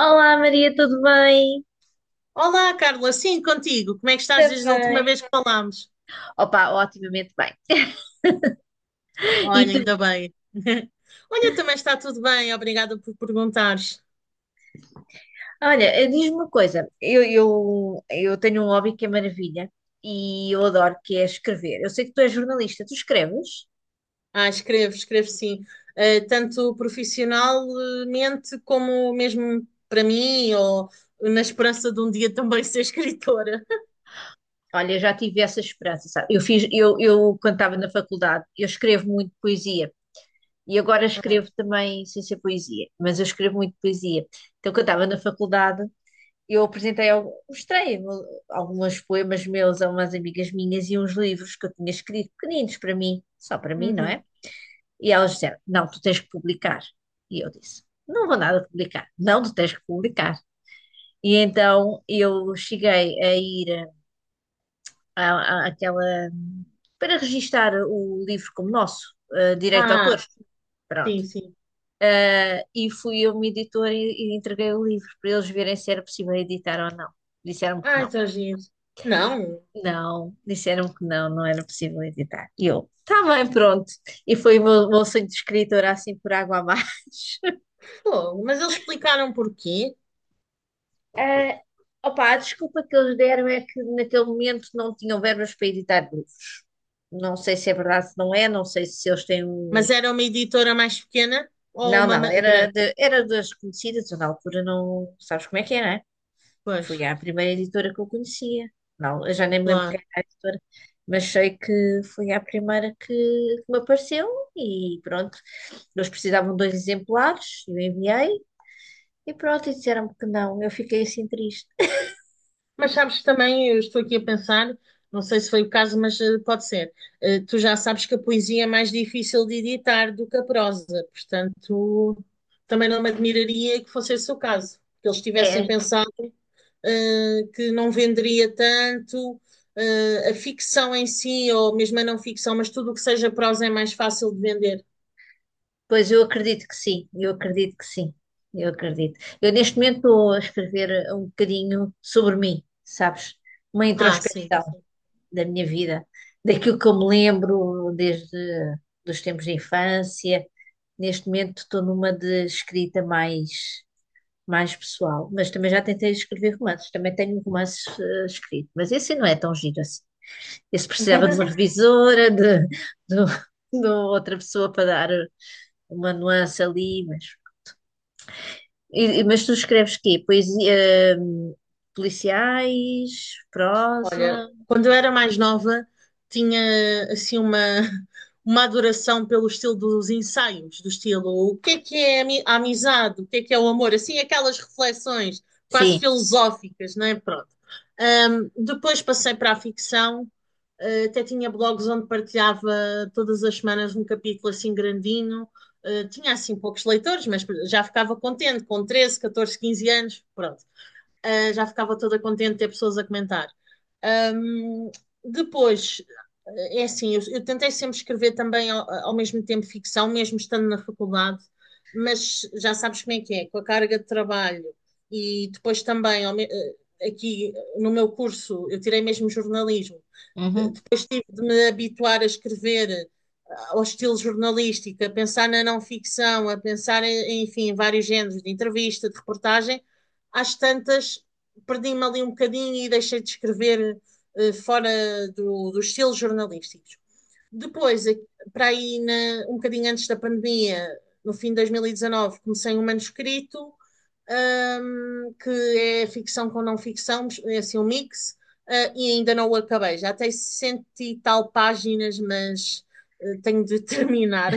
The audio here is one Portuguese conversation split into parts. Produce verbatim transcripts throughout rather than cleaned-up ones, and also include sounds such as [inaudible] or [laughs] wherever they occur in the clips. Olá Maria, tudo bem? Olá, Carla, sim, contigo. Como é que estás Está desde a última bem. vez que falámos? Opa, otimamente bem. E Olha, ainda tu? bem. [laughs] Olha, também está tudo bem, obrigada por perguntares. Olha, eh, diz-me uma coisa, eu, eu, eu tenho um hobby que é maravilha e eu adoro, que é escrever. Eu sei que tu és jornalista, tu escreves? Ah, escrevo, escrevo sim. Eh, tanto profissionalmente como mesmo para mim, ou na esperança de um dia também ser escritora. Olha, eu já tive essa esperança, sabe? Eu fiz, eu, eu quando estava na faculdade, eu escrevo muito poesia e agora escrevo também sem ser poesia, mas eu escrevo muito poesia. Então, quando estava na faculdade, eu apresentei, algum- mostrei alguns poemas meus a umas amigas minhas e uns livros que eu tinha escrito, pequeninos para mim, só para mim, não Uhum. é? E elas disseram: não, tu tens que publicar. E eu disse: não vou nada publicar. Não, tu tens que publicar. E então eu cheguei a ir à- à- àquela, para registar o livro como nosso, eh, direito de Ah, autor. sim, Pronto. sim. Eh, e fui a uma editora e, e entreguei o livro para eles verem se era possível editar ou não. Disseram-me que Ai, não. está giro. Não. Não, disseram que não, não era possível editar. E eu, tá bem, pronto. E foi o meu, meu sonho de escritora, assim, por água abaixo. [laughs] Pô, mas eles explicaram porquê. Eh, opa, a desculpa que eles deram é que naquele momento não tinham verbas para editar livros. Não sei se é verdade, se não é, não sei se eles têm um... Mas era uma editora mais pequena ou Não, uma não, ma- era, grande? de, era das conhecidas, eu na altura não... Sabes como é que é, né? é? Pois, Foi a primeira editora que eu conhecia. Não, eu já nem me lembro quem claro. era a editora, mas sei que foi a primeira que, que me apareceu e pronto. Eles precisavam de dois exemplares, eu enviei e pronto, e disseram-me que não. Eu fiquei assim triste. Mas sabes que também, eu estou aqui a pensar, não sei se foi o caso, mas eh, pode ser. Eh, tu já sabes que a poesia é mais difícil de editar do que a prosa, portanto, também não me admiraria que fosse esse o caso, que eles tivessem É, pensado, eh, que não venderia tanto, eh, a ficção em si, ou mesmo a não ficção, mas tudo o que seja prosa é mais fácil de vender. pois eu acredito que sim, eu acredito que sim, eu acredito. Eu neste momento estou a escrever um bocadinho sobre mim, sabes? Uma Ah, sim, introspecção sim. da minha vida, daquilo que eu me lembro desde dos tempos de infância. Neste momento estou numa de escrita mais mais pessoal, mas também já tentei escrever romances, também tenho romances eh, escritos, mas esse não é tão giro assim. Esse precisava de uma [laughs] revisora, de, de, de outra pessoa para dar uma nuance ali, mas, e- e- mas tu escreves quê? Poesia, hum, policiais, prosa? Olha, quando eu era mais nova, tinha assim uma, [laughs] uma adoração pelo estilo dos ensaios, do estilo o que é que é a ami- a amizade, o que é que é o amor, assim aquelas reflexões quase Sim. filosóficas, não é? Pronto. Ahm, depois passei para a ficção, eh, até tinha blogs onde partilhava todas as semanas um capítulo assim grandinho. Eh, tinha assim poucos leitores, mas já ficava contente com treze, catorze, quinze anos, pronto, ah, já ficava toda contente de ter pessoas a comentar. Ahm, depois, É assim, eu, eu tentei sempre escrever também ao, ao mesmo tempo ficção, mesmo estando na faculdade, mas já sabes como é que é, com a carga de trabalho e depois também, ao me- eh, aqui no meu curso, eu tirei mesmo jornalismo, Uhum. de me habituar a escrever, ah, ao estilo jornalístico, a pensar na não ficção, a pensar em, enfim, em vários géneros de entrevista, de reportagem. Às tantas perdi-me ali um bocadinho e deixei de escrever, eh, fora do, dos estilos jornalísticos. Depois, eh, para aí, na, um bocadinho antes da pandemia, no fim de dois mil e dezanove, comecei um manuscrito um, que é ficção com não ficção, é assim um mix. Uh, e ainda não o acabei. Já tem sessenta e tal páginas, mas uh, tenho de [laughs] terminar.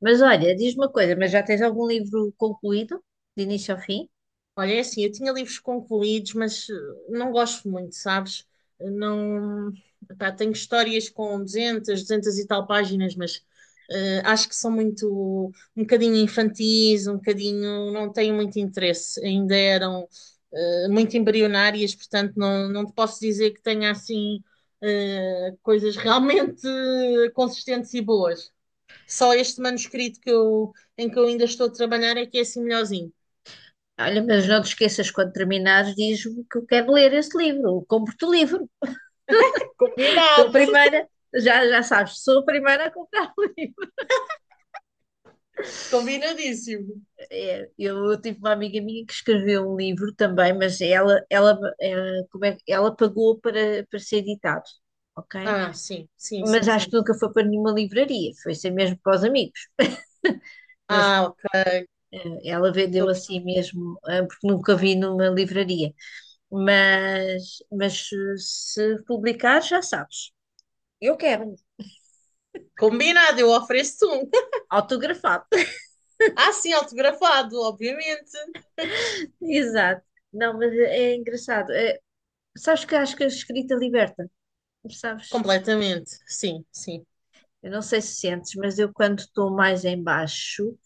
Mas olha, diz-me uma coisa, mas já tens algum livro concluído, de início ao fim? Olha, é assim, eu tinha livros concluídos, mas eh, não gosto muito, sabes? Eh, Não, pá, tenho histórias com duzentas, duzentas e tal páginas, mas eh, acho que são muito, um bocadinho infantis, um bocadinho, não tenho muito interesse. Ainda eram eh, muito embrionárias, portanto não, não te posso dizer que tenha assim, eh, coisas realmente [laughs] eh, consistentes e boas. Só este manuscrito que eu, em que eu ainda estou a trabalhar é que é assim melhorzinho. Olha, mas não te esqueças, quando terminares, diz-me que eu quero ler esse livro, compro-te o livro. [laughs] Sou a Combinado! primeira, já, já sabes, sou a primeira a comprar o livro. Combinadíssimo. É, eu, eu tive uma amiga minha que escreveu um livro também, mas ela, ela, eh, como é, que- ela pagou para, para ser editado, ok? Ah, sim, sim, sim, Mas acho sim. que nunca foi para nenhuma livraria, foi ser mesmo para os amigos. Mas Ah, ok. eh, ela Estou vendeu a assim perceber. mesmo, eh, porque nunca vi numa livraria. Mas, mas eh, se publicar, já sabes. Eu quero, Combinado, eu ofereço um. autografado. Ah, sim, autografado, obviamente. [laughs] Exato. Não, mas é é engraçado. É, sabes que acho que a escrita liberta, sabes? Completamente, sim, sim. Eu não sei se sentes, mas eu quando estou mais em baixo,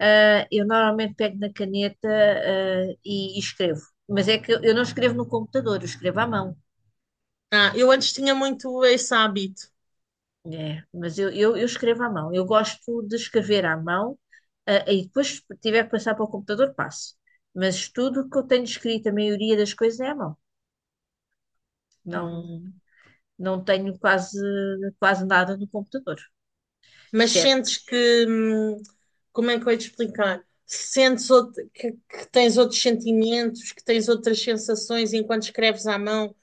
ah, eu normalmente pego na caneta, ah, e, e escrevo. Mas é que eu eu não escrevo no computador, eu escrevo à mão. Ah, eu antes tinha muito esse hábito. É, mas eu, eu, eu escrevo à mão. Eu gosto de escrever à mão, ah, e depois se tiver que passar para o computador, passo. Mas tudo o que eu tenho escrito, a maioria das coisas é à mão. Uhum. Não, não tenho quase, quase nada no computador. Mas Chefe, sentes que, hum, como é que eu ia te explicar? Sentes outro- que, que tens outros sentimentos, que tens outras sensações enquanto escreves à mão?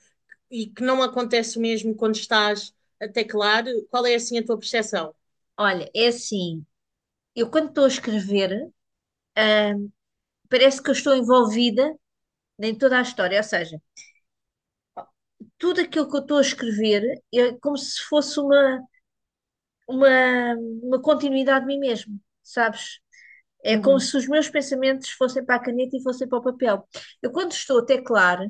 E que não acontece o mesmo quando estás a teclar, qual é assim a tua percepção? olha, é assim, eu quando estou a escrever, ah, parece que eu estou envolvida em toda a história, ou seja, tudo aquilo que eu estou a escrever é como se fosse uma, uma, uma continuidade de mim mesmo, sabes? É como Uhum. se os meus pensamentos fossem para a caneta e fossem para o papel. Eu, quando estou a teclar,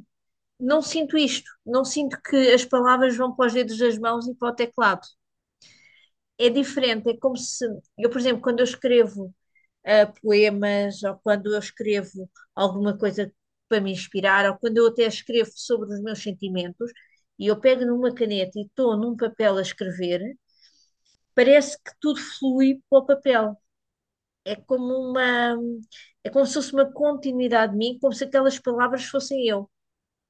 não sinto isto, não sinto que as palavras vão para os dedos das mãos e para o teclado. É diferente, é como se eu, por exemplo, quando eu escrevo ah, poemas ou quando eu escrevo alguma coisa para me inspirar ou quando eu até escrevo sobre os meus sentimentos e eu pego numa caneta e estou num papel a escrever, parece que tudo flui para o papel. É como uma, é como se fosse uma continuidade de mim, como se aquelas palavras fossem eu.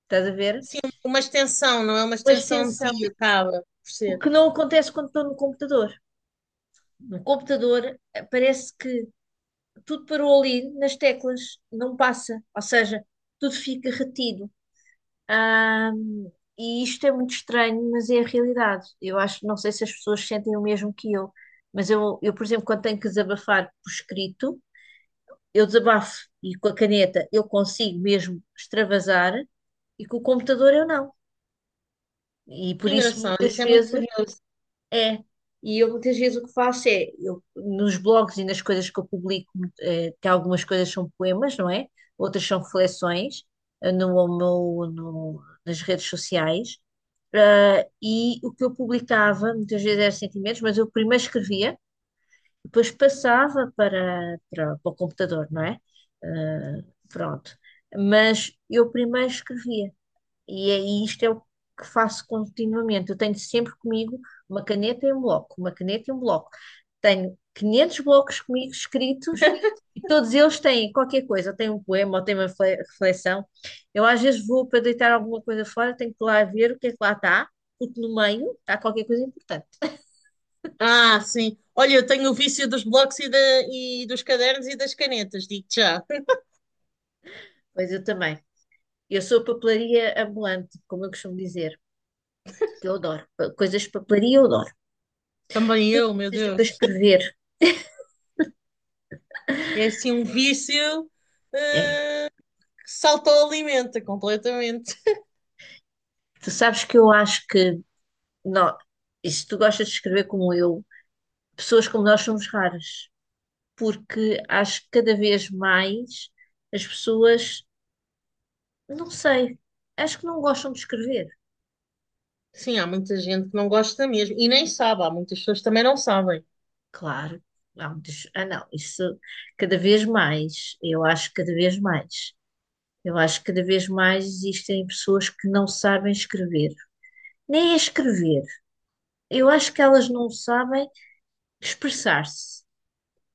Estás a ver? Sim, uma extensão, não é, uma Uma extensão de extensão. ti, acaba por O ser. que não acontece quando estou no computador. No computador eh, parece que tudo parou ali nas teclas, não passa, ou seja, tudo fica retido. Ahm, e isto é muito estranho, mas é a realidade. Eu acho, não sei se as pessoas sentem o mesmo que eu, mas eu, eu, por exemplo, quando tenho que desabafar por escrito, eu desabafo e com a caneta eu consigo mesmo extravasar e com o computador eu não. E Que por isso engraçado, muitas isso é muito vezes curioso. é, e eu muitas vezes o que faço é, eu, nos blogs e nas coisas que eu publico, eh, que algumas coisas são poemas, não é? Outras são reflexões, eh, no, meu- no- nas redes sociais. Ah, e o que eu publicava, muitas vezes eram sentimentos, mas eu primeiro escrevia, depois passava para, para, para o computador, não é? Ah, Pronto. Mas eu primeiro escrevia. E é isto é o que faço continuamente. Eu tenho sempre comigo uma caneta e um bloco, uma caneta e um bloco. Tenho quinhentos blocos comigo escritos e todos eles têm qualquer coisa. Ou têm um poema, ou têm uma fle- reflexão. Eu às vezes vou para deitar alguma coisa fora, tenho que lá ver o que é que lá está, porque no meio está qualquer coisa importante. Ah, sim. Olha, eu tenho o vício dos blocos e da, e dos cadernos e das canetas, digo-te já. Pois eu também. Eu sou papelaria ambulante, como eu costumo dizer, que eu adoro. Pa- Coisas de papelaria eu adoro. Também Tudo eu, que meu seja para Deus. escrever, É assim um vício é. que se autoalimenta completamente. Tu sabes que eu acho que não, e se tu gostas de escrever como eu, pessoas como nós somos raras, porque acho que cada vez mais as pessoas, não sei, acho que não gostam de escrever. Sim, há muita gente que não gosta mesmo e nem sabe, há muitas pessoas que também não sabem. Claro, há muitas- ah não, isso cada vez mais, eu acho que cada vez mais, eu acho que cada vez mais existem pessoas que não sabem escrever, nem é escrever. Eu acho que elas não sabem expressar-se.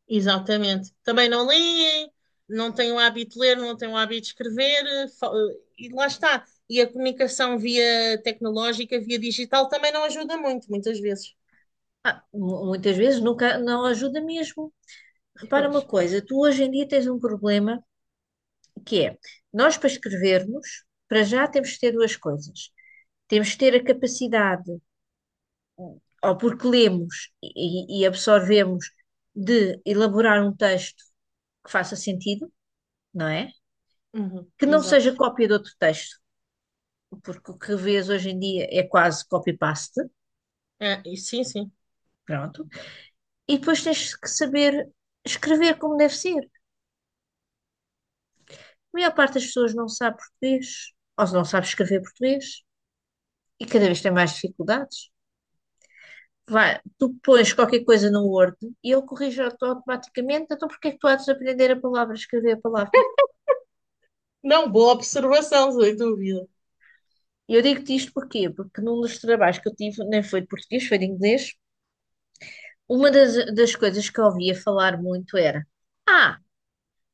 Exatamente. Também não leem, não têm o hábito de ler, não têm o hábito de escrever. Eh, fa- eh, e lá está. E a comunicação via tecnológica, via digital, também não ajuda muito, muitas vezes. Ah, mu- muitas vezes nunca, não ajuda mesmo. Repara Pois. uma coisa, tu hoje em dia tens um problema que é, nós para escrevermos, para já temos que ter duas coisas. Temos que ter a capacidade, ou porque lemos e, e absorvemos, de elaborar um texto que faça sentido, não é? Uhum, Que não exato. seja cópia de outro texto, porque o que vês hoje em dia é quase copy-paste, É, e sim, sim. pronto. E depois tens que saber escrever como deve ser. A maior parte das pessoas não sabe português, ou não sabe escrever português, e cada vez tem mais dificuldades. Vai, tu pões qualquer coisa no Word e ele corrige auto- automaticamente, então porquê é que tu há de aprender a palavra, escrever a palavra? Não, boa observação, sem dúvida. E eu digo-te isto porquê? Porque num dos trabalhos que eu tive, nem foi de português, foi de inglês, uma das, das coisas que eu ouvia falar muito era: ah,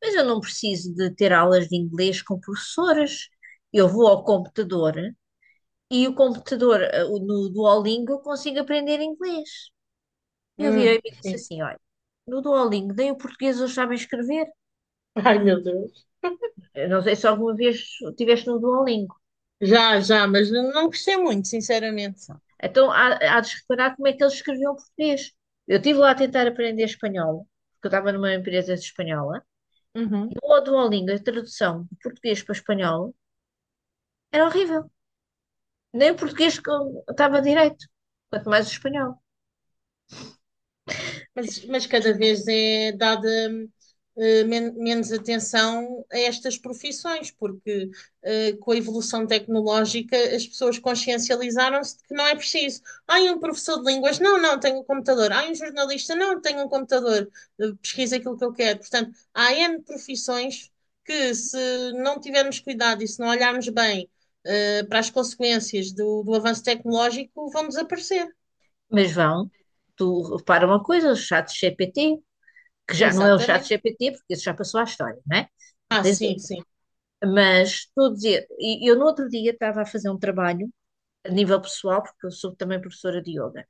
mas eu não preciso de ter aulas de inglês com professoras, eu vou ao computador e o computador, eh, o- no Duolingo, eu consigo aprender inglês. E eu virei Hum. e disse assim: olha, no Duolingo, nem o português eles sabem escrever. Ai, meu Deus. Eu não sei se alguma vez estiveste no Duolingo. Já, já, mas não gostei muito, sinceramente. Então há, há de se reparar como é que eles escreviam português. Eu estive lá a tentar aprender espanhol, porque eu estava numa empresa espanhola. E Uhum. o Duolingo, a tradução de português para espanhol, era horrível. Nem o português que eu estava direito, quanto mais o espanhol. Mas, mas cada vez é dada, eh, men- menos atenção a estas profissões, porque eh, com a evolução tecnológica as pessoas consciencializaram-se de que não é preciso. Ai, um professor de línguas, não, não, tenho um computador. Ai, um jornalista, não, tenho um computador. Eh, pesquisa aquilo que eu quero. Portanto, há N profissões que, se não tivermos cuidado e se não olharmos bem eh, para as consequências do, do avanço tecnológico, vão desaparecer. Mas vão, tu repara uma coisa, o chat G P T, que já não é o chat Exatamente. G P T, porque isso já passou à história, não é? Ah, Tens sim, sim. mas todos e e eu no outro dia estava a fazer um trabalho a nível pessoal, porque eu sou também professora de yoga,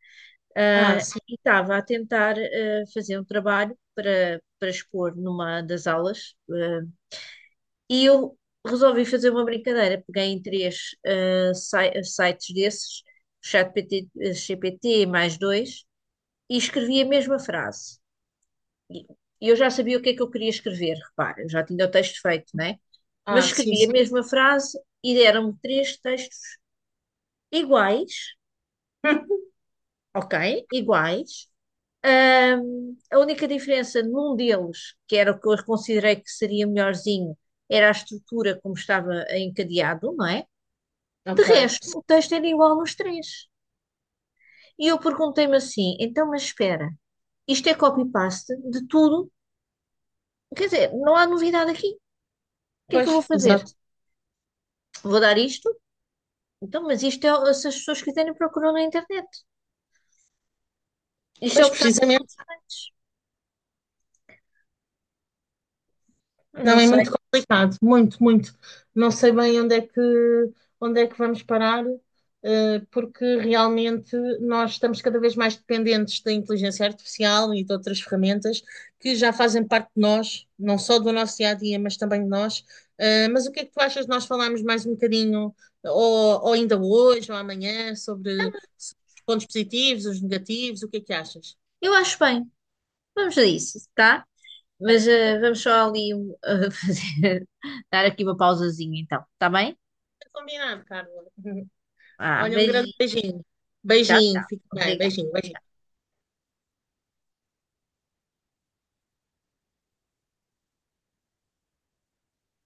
Ah, ah, sim. e estava a tentar ah, fazer um trabalho para, para expor numa das aulas, ah, e eu resolvi fazer uma brincadeira. Peguei em três ah, si- sites desses, ChatGPT, eh, G P T mais dois, e escrevi a mesma frase. E e eu já sabia o que é que eu queria escrever, repara, eu já tinha o texto feito, né? Mas Ah, sim, escrevi a sim. mesma frase e deram-me três textos iguais, [laughs] ok? Iguais. Ahm, a única diferença num deles, que era o que eu considerei que seria melhorzinho, era a estrutura como estava encadeado, não é? De Ok. resto, o texto era igual nos três. E eu perguntei-me assim: então, mas espera, isto é copy-paste de tudo? Quer dizer, não há novidade aqui. O que é que eu vou Pois, fazer? exato. Vou dar isto. Então, mas isto é, o- se as pessoas quiserem procuram na internet. Isto é o Pois, que está nos precisamente. outros. Não Não, é sei. muito complicado. Muito, muito. Não sei bem onde é que, onde é que vamos parar, eh, porque realmente nós estamos cada vez mais dependentes da inteligência artificial e de outras ferramentas que já fazem parte de nós, não só do nosso dia a dia, mas também de nós. Eh, mas o que é que tu achas de nós falarmos mais um bocadinho, ou, ou ainda hoje, ou amanhã, sobre, sobre os pontos positivos, os negativos? O que é que achas? Eu acho bem. Vamos a isso, tá? Ok, Mas fica. eh, vamos só ali um, eh, [laughs] fazer, dar aqui uma pausazinha, então. Tá bem? Combinado, Carla. [laughs] Ah, Olha, um grande beijinho. beijinho. Tchau, Beijinho, tchau. fique bem. Obrigada. Beijinho, beijinho.